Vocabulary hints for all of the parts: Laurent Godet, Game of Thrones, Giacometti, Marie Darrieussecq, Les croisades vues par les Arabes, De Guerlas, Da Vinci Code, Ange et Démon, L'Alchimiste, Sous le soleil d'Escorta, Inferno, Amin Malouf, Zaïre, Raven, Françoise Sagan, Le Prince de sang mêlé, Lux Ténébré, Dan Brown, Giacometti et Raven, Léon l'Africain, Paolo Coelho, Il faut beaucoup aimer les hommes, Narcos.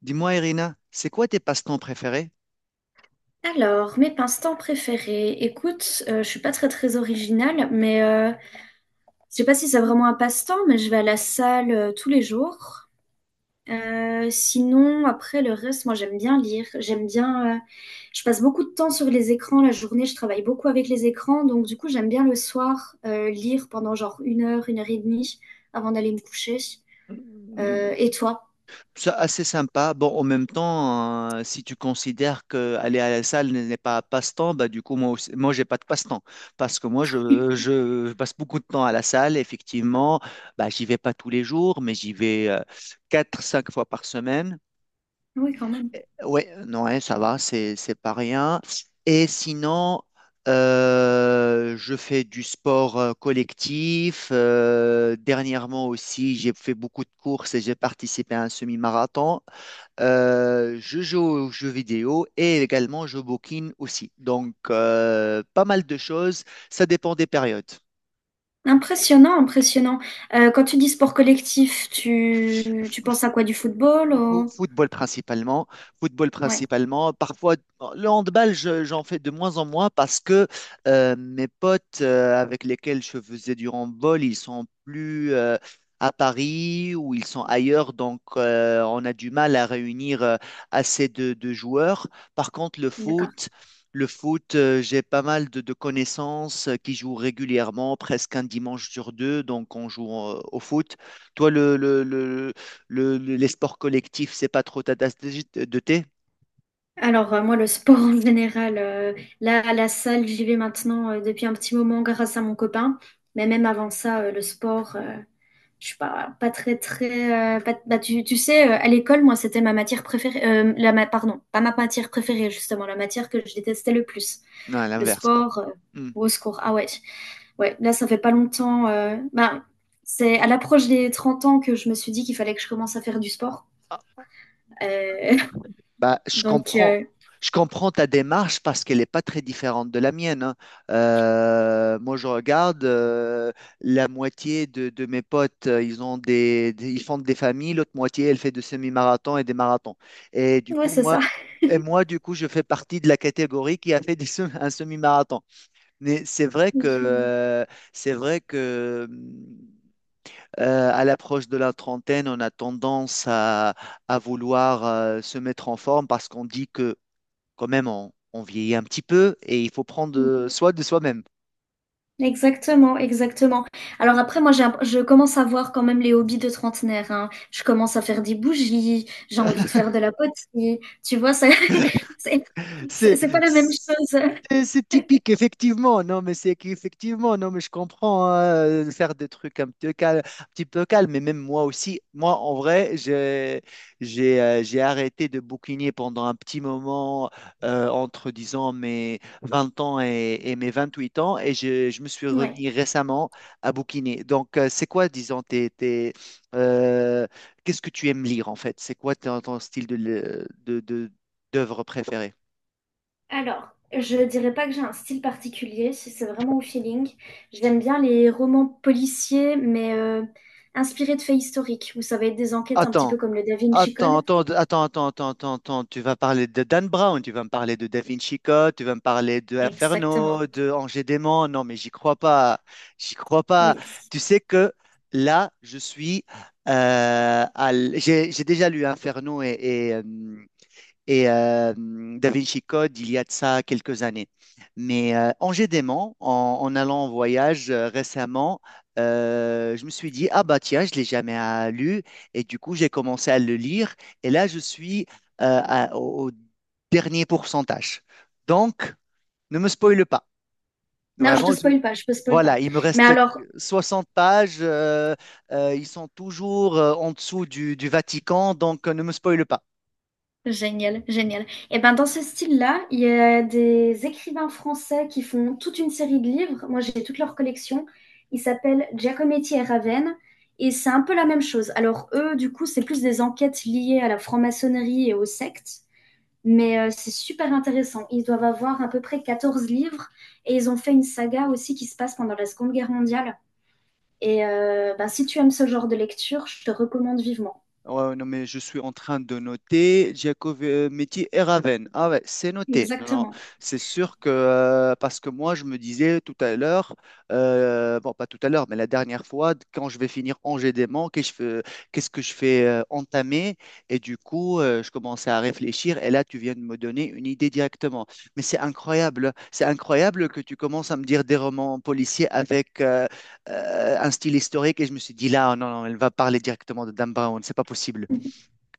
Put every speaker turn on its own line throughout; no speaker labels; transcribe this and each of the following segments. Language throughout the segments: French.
Dis-moi, Irina, c'est quoi tes passe-temps préférés?
Alors, mes passe-temps préférés. Écoute, je suis pas très très originale, mais je sais pas si c'est vraiment un passe-temps, mais je vais à la salle tous les jours. Sinon, après le reste, moi j'aime bien lire. J'aime bien. Je passe beaucoup de temps sur les écrans la journée. Je travaille beaucoup avec les écrans, donc du coup j'aime bien le soir lire pendant genre une heure et demie avant d'aller me coucher.
Mm,
Et toi?
C'est assez sympa. Bon, en même temps, si tu considères que aller à la salle n'est pas un passe-temps, bah du coup, moi aussi, moi, j'ai pas de passe-temps. Parce que moi, je passe beaucoup de temps à la salle, effectivement. Bah, j'y vais pas tous les jours, mais j'y vais 4, 5 fois par semaine.
Oui, quand même.
Oui, non, hein, ça va, c'est pas rien. Et sinon, je fais du sport collectif. Dernièrement aussi, j'ai fait beaucoup de courses et j'ai participé à un semi-marathon. Je joue aux jeux vidéo et également je bouquine aussi. Donc, pas mal de choses. Ça dépend des périodes.
Impressionnant, impressionnant. Quand tu dis sport collectif, tu penses à quoi? Du football ou-
Football principalement, football
Ouais,
principalement. Parfois, le handball, j'en fais de moins en moins parce que mes potes avec lesquels je faisais du handball, ils sont plus à Paris ou ils sont ailleurs, donc on a du mal à réunir assez de joueurs. Par contre, le
d'accord.
foot, le foot, euh, j'ai pas mal de connaissances qui jouent régulièrement, presque un dimanche sur deux, donc on joue au foot. Toi, les sports collectifs, c'est pas trop ta tasse de thé?
Alors, moi, le sport en général, là, à la salle, j'y vais maintenant depuis un petit moment grâce à mon copain. Mais même avant ça, le sport, je suis pas très, très. Bah, tu sais, à l'école, moi, c'était ma matière préférée. Pardon, pas ma matière préférée, justement, la matière que je détestais le plus.
Non, à
Le
l'inverse, quoi.
sport,
Hmm.
au secours. Ah ouais, ouais, là, ça fait pas longtemps. Ben, c'est à l'approche des 30 ans que je me suis dit qu'il fallait que je commence à faire du sport.
Ah,
Euh,
Bah, je
donc,
comprends.
euh,
Je comprends ta démarche parce qu'elle n'est pas très différente de la mienne, hein. Moi, je regarde la moitié de mes potes, ils ont ils font des familles, l'autre moitié, elle fait des semi-marathons et des marathons. Et du
ouais,
coup,
c'est ça.
moi, et moi, du coup, je fais partie de la catégorie qui a fait un semi-marathon. Mais c'est vrai que à l'approche de la trentaine, on a tendance à vouloir se mettre en forme parce qu'on dit que quand même on vieillit un petit peu et il faut prendre soin de soi-même.
Exactement, exactement. Alors après, moi, je commence à voir quand même les hobbies de trentenaire, hein. Je commence à faire des bougies, j'ai envie de faire de la poterie. Tu vois, ça, c'est c'est-
C'est,
c'est pas la même chose.
c'est typique, effectivement. Non, mais c'est qu'effectivement, non, mais je comprends, hein, de faire des trucs un petit peu calme, un petit peu calme. Mais même moi aussi, moi, en vrai, j'ai arrêté de bouquiner pendant un petit moment, entre, disons, mes 20 ans et mes 28 ans. Et je me suis
Ouais.
remis récemment à bouquiner. Donc, c'est quoi, disons, euh, qu'est-ce que tu aimes lire, en fait? C'est quoi ton, ton style de, de, de- d'œuvre préférée?
Alors, je dirais pas que j'ai un style particulier, c'est vraiment au feeling. J'aime bien les romans policiers, mais inspirés de faits historiques, où ça va être des enquêtes un petit peu
Attends,
comme le Da Vinci
attends,
Code.
attends, attends, attends, attends, attends, attends. Tu vas parler de Dan Brown, tu vas me parler de Da Vinci Code, tu vas me parler de Inferno,
Exactement,
de Ange et Démon. Non, mais j'y crois pas. J'y crois
oui.
pas.
Oui.
Tu sais que là, je suis, j'ai déjà lu Inferno et Da Vinci Code il y a de ça quelques années. Mais en gédément, en allant en voyage récemment, je me suis dit, ah bah tiens, je ne l'ai jamais lu. Et du coup, j'ai commencé à le lire. Et là, je suis au dernier pourcentage. Donc, ne me spoile pas.
Non, je te
Vraiment,
spoil pas, je te spoil
voilà,
pas.
il me
Mais
reste
alors,
60 pages. Ils sont toujours en dessous du Vatican. Donc, ne me spoile pas.
génial, génial. Et ben dans ce style-là, il y a des écrivains français qui font toute une série de livres. Moi, j'ai toute leur collection. Ils s'appellent Giacometti et Raven. Et c'est un peu la même chose. Alors eux, du coup, c'est plus des enquêtes liées à la franc-maçonnerie et aux sectes. Mais c'est super intéressant. Ils doivent avoir à peu près 14 livres. Et ils ont fait une saga aussi qui se passe pendant la Seconde Guerre mondiale. Et ben, si tu aimes ce genre de lecture, je te recommande vivement.
Ouais, ouais, non, mais je suis en train de noter Giacometti et Raven. Ah ouais, c'est noté. Non, non,
Exactement.
c'est sûr que, parce que moi, je me disais tout à l'heure, bon, pas tout à l'heure, mais la dernière fois, quand je vais finir Angers-Démon, qu'est-ce que je fais entamer? Et du coup, je commençais à réfléchir, et là, tu viens de me donner une idée directement. Mais c'est incroyable que tu commences à me dire des romans policiers avec un style historique et je me suis dit là, oh, non, non, elle va parler directement de Dan Brown,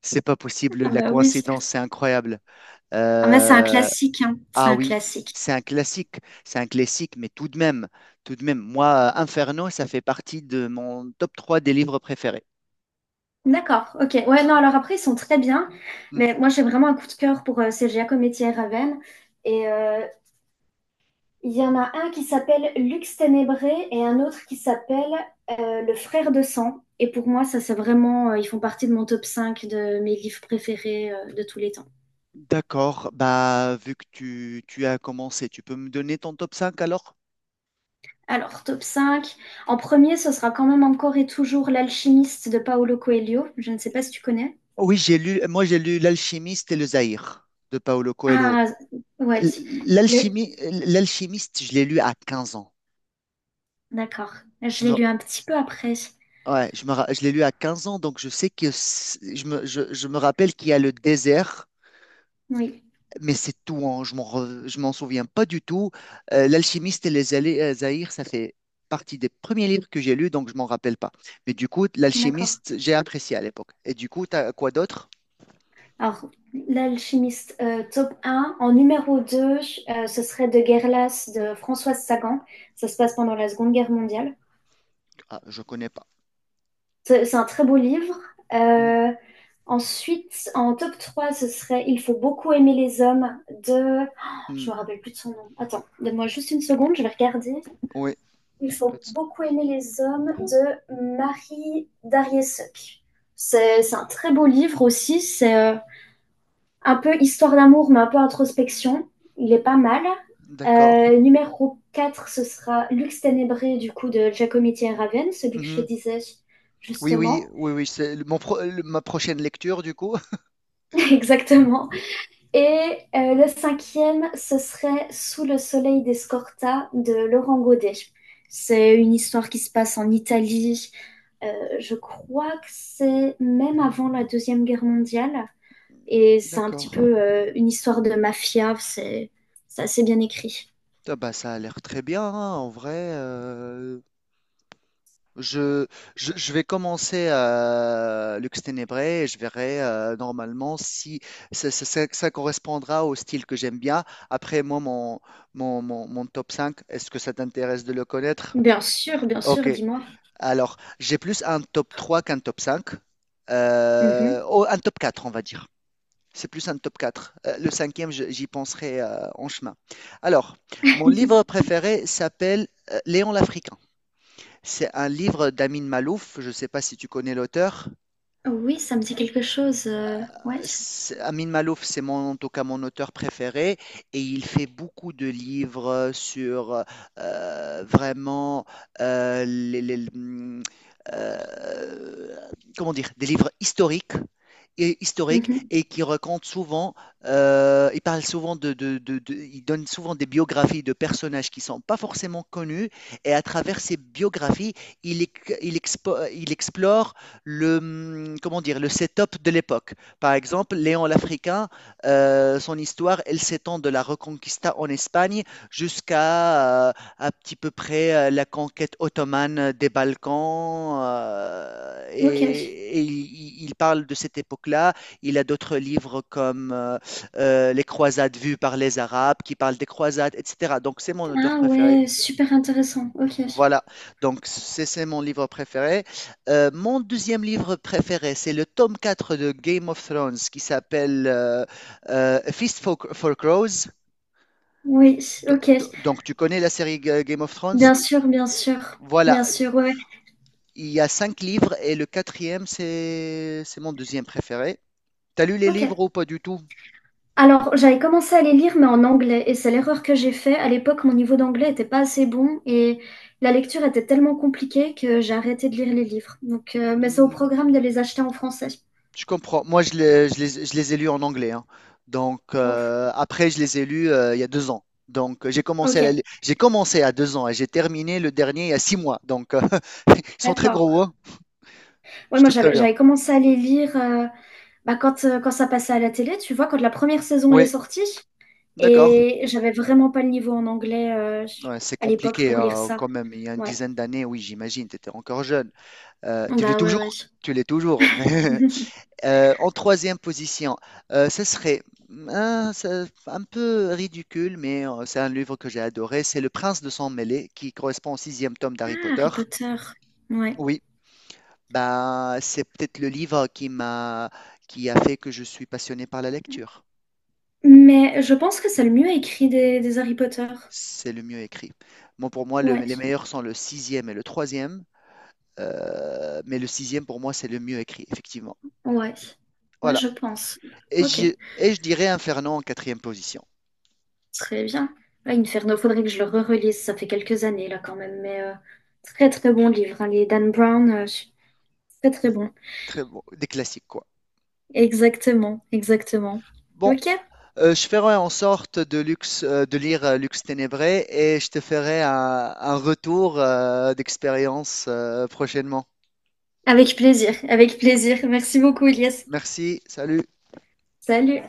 c'est pas possible,
Ah
la
bah oui.
coïncidence, c'est incroyable.
Ah bah, c'est un
Euh,
classique, hein. C'est
ah
un
oui,
classique.
c'est un classique, mais tout de même, moi, Inferno, ça fait partie de mon top 3 des livres préférés.
D'accord, ok. Ouais, non, alors après, ils sont très bien.
Hmm,
Mais moi, j'ai vraiment un coup de cœur pour ces Giacometti et Raven. Et il y en a un qui s'appelle Lux Ténébré et un autre qui s'appelle Le Frère de Sang. Et pour moi, ça, c'est vraiment. Ils font partie de mon top 5 de mes livres préférés de tous les temps.
D'accord, bah vu que tu as commencé, tu peux me donner ton top cinq alors?
Alors, top cinq. En premier, ce sera quand même encore et toujours L'Alchimiste de Paolo Coelho. Je ne sais pas si tu connais.
Oui, j'ai lu, moi j'ai lu L'Alchimiste et le Zaïre de Paolo Coelho.
Ah, ouais.
L-
Le-
L'alchimie, l'alchimiste, je l'ai lu à 15 ans.
D'accord.
Je
Je l'ai
me,
lu un petit peu après.
ouais, je l'ai lu à 15 ans, donc je sais que je me rappelle qu'il y a le désert,
Oui,
mais c'est tout, hein, je m'en souviens pas du tout. L'alchimiste et Zaïre, ça fait partie des premiers livres que j'ai lus, donc je m'en rappelle pas. Mais du coup,
d'accord.
l'alchimiste, j'ai apprécié à l'époque. Et du coup, t'as quoi d'autre?
Alors, l'alchimiste, top un. En numéro 2, ce serait De Guerlas de Françoise Sagan. Ça se passe pendant la Seconde Guerre mondiale.
Ah, je connais pas.
C'est un très beau livre.
Mhm.
Euh, Ensuite, en top 3, ce serait Il faut beaucoup aimer les hommes de. Oh, je
Mhm.
me rappelle plus de son nom. Attends, donne-moi juste une seconde, je vais regarder.
Oui,
Il faut beaucoup aimer les hommes de Marie Darrieussecq. C'est un très beau livre aussi. C'est un peu histoire d'amour, mais un peu introspection. Il est pas mal.
d'accord.
Numéro 4, ce sera Lux Ténébré, du coup, de Giacometti et Raven, celui que je te
Mhm.
disais
Oui, oui,
justement.
oui, oui, c'est le- mon pro- le- ma prochaine lecture, du coup.
Exactement. Et le cinquième, ce serait Sous le soleil d'Escorta de Laurent Godet. C'est une histoire qui se passe en Italie. Je crois que c'est même avant la Deuxième Guerre mondiale. Et c'est un petit
D'accord.
peu une histoire de mafia. C'est assez bien écrit.
Ah bah, ça a l'air très bien, hein, en vrai. Je, je vais commencer à Lux Ténébré et je verrai normalement si ça correspondra au style que j'aime bien. Après, moi, mon top cinq, est-ce que ça t'intéresse de le connaître?
Bien
Ok,
sûr, dis-moi.
alors j'ai plus un top 3 qu'un top 5.
Mhm.
Oh, un top 4, on va dire. C'est plus un top 4. Le cinquième, j'y penserai en chemin. Alors, mon livre préféré s'appelle Léon l'Africain. C'est un livre d'Amin Malouf. Je ne sais pas si tu connais l'auteur.
Oui, ça me dit quelque chose. Ouais.
C'est Amin Malouf, c'est mon, en tout cas mon auteur préféré et il fait beaucoup de livres sur vraiment euh, les, les- hum, euh, comment dire, des livres historiques et historique
Mhm.
et qui raconte souvent, il parle souvent il donne souvent des biographies de personnages qui sont pas forcément connus et à travers ces biographies, il, ex- il, expo- il explore le, comment dire, le setup de l'époque. Par exemple, Léon l'Africain, son histoire, elle s'étend de la Reconquista en Espagne jusqu'à à petit peu près la conquête ottomane des Balkans
Ok.
il parle de cette époque-là. Il a d'autres livres comme Les croisades vues par les Arabes qui parlent des croisades, etc. Donc c'est mon auteur
Ah
préféré.
ouais, super intéressant. Ok.
Voilà, donc c'est mon livre préféré. Mon deuxième livre préféré, c'est le tome 4 de Game of Thrones qui s'appelle Feast for Crows.
Oui, ok.
Donc tu connais la série Game of Thrones?
Bien sûr, bien sûr, bien
Voilà,
sûr, ouais, ouais.
il y a cinq livres et le quatrième, c'est mon deuxième préféré. T'as lu les livres
OK.
ou pas du tout?
Alors, j'avais commencé à les lire, mais en anglais, et c'est l'erreur que j'ai fait. À l'époque, mon niveau d'anglais était pas assez bon, et la lecture était tellement compliquée que j'ai arrêté de lire les livres. Donc, mais c'est au
Hmm,
programme de les acheter en français.
Je comprends. Moi, je les ai lus en anglais, hein. Donc,
Ouf.
après, je les ai lus il y a 2 ans. Donc,
OK,
j'ai commencé à 2 ans et j'ai terminé le dernier il y a 6 mois. Donc, ils sont très
d'accord.
gros, hein,
Ouais,
je
moi,
te
j'avais,
préviens.
j'avais commencé à les lire bah, quand ça passait à la télé, tu vois, quand la première saison, elle est
Oui,
sortie,
d'accord.
et j'avais vraiment pas le niveau en anglais
Ouais, c'est
à l'époque
compliqué
pour lire ça.
quand même. Il y a une
Ouais,
dizaine d'années, oui, j'imagine, tu étais encore jeune. Tu l'es
bah ouais, ouais.
toujours. Tu l'es toujours. En troisième position, ce serait un peu ridicule, mais c'est un livre que j'ai adoré. C'est Le Prince de sang mêlé, qui correspond au sixième tome
Ah,
d'Harry Potter.
Harry Potter. Ouais.
Oui, bah, c'est peut-être le livre qui a fait que je suis passionné par la lecture.
Mais je pense que c'est le mieux écrit des Harry Potter.
C'est le mieux écrit. Moi, pour moi, les
Ouais.
meilleurs sont le sixième et le troisième, mais le sixième, pour moi, c'est le mieux écrit, effectivement.
Ouais. Ouais,
Voilà.
je pense.
Et
Ok.
je, et je dirais Inferno en quatrième position.
Très bien. Ouais, Inferno, faudrait que je le re-relise. Ça fait quelques années, là, quand même. Mais très, très bon livre, hein. Les Dan Brown, très, très bon.
Très bon, des classiques quoi.
Exactement. Exactement.
Bon,
Ok.
je ferai en sorte de, de lire Lux Ténébré et je te ferai un retour d'expérience prochainement.
Avec plaisir. Avec plaisir. Merci beaucoup, Elias.
Merci, salut.
Salut.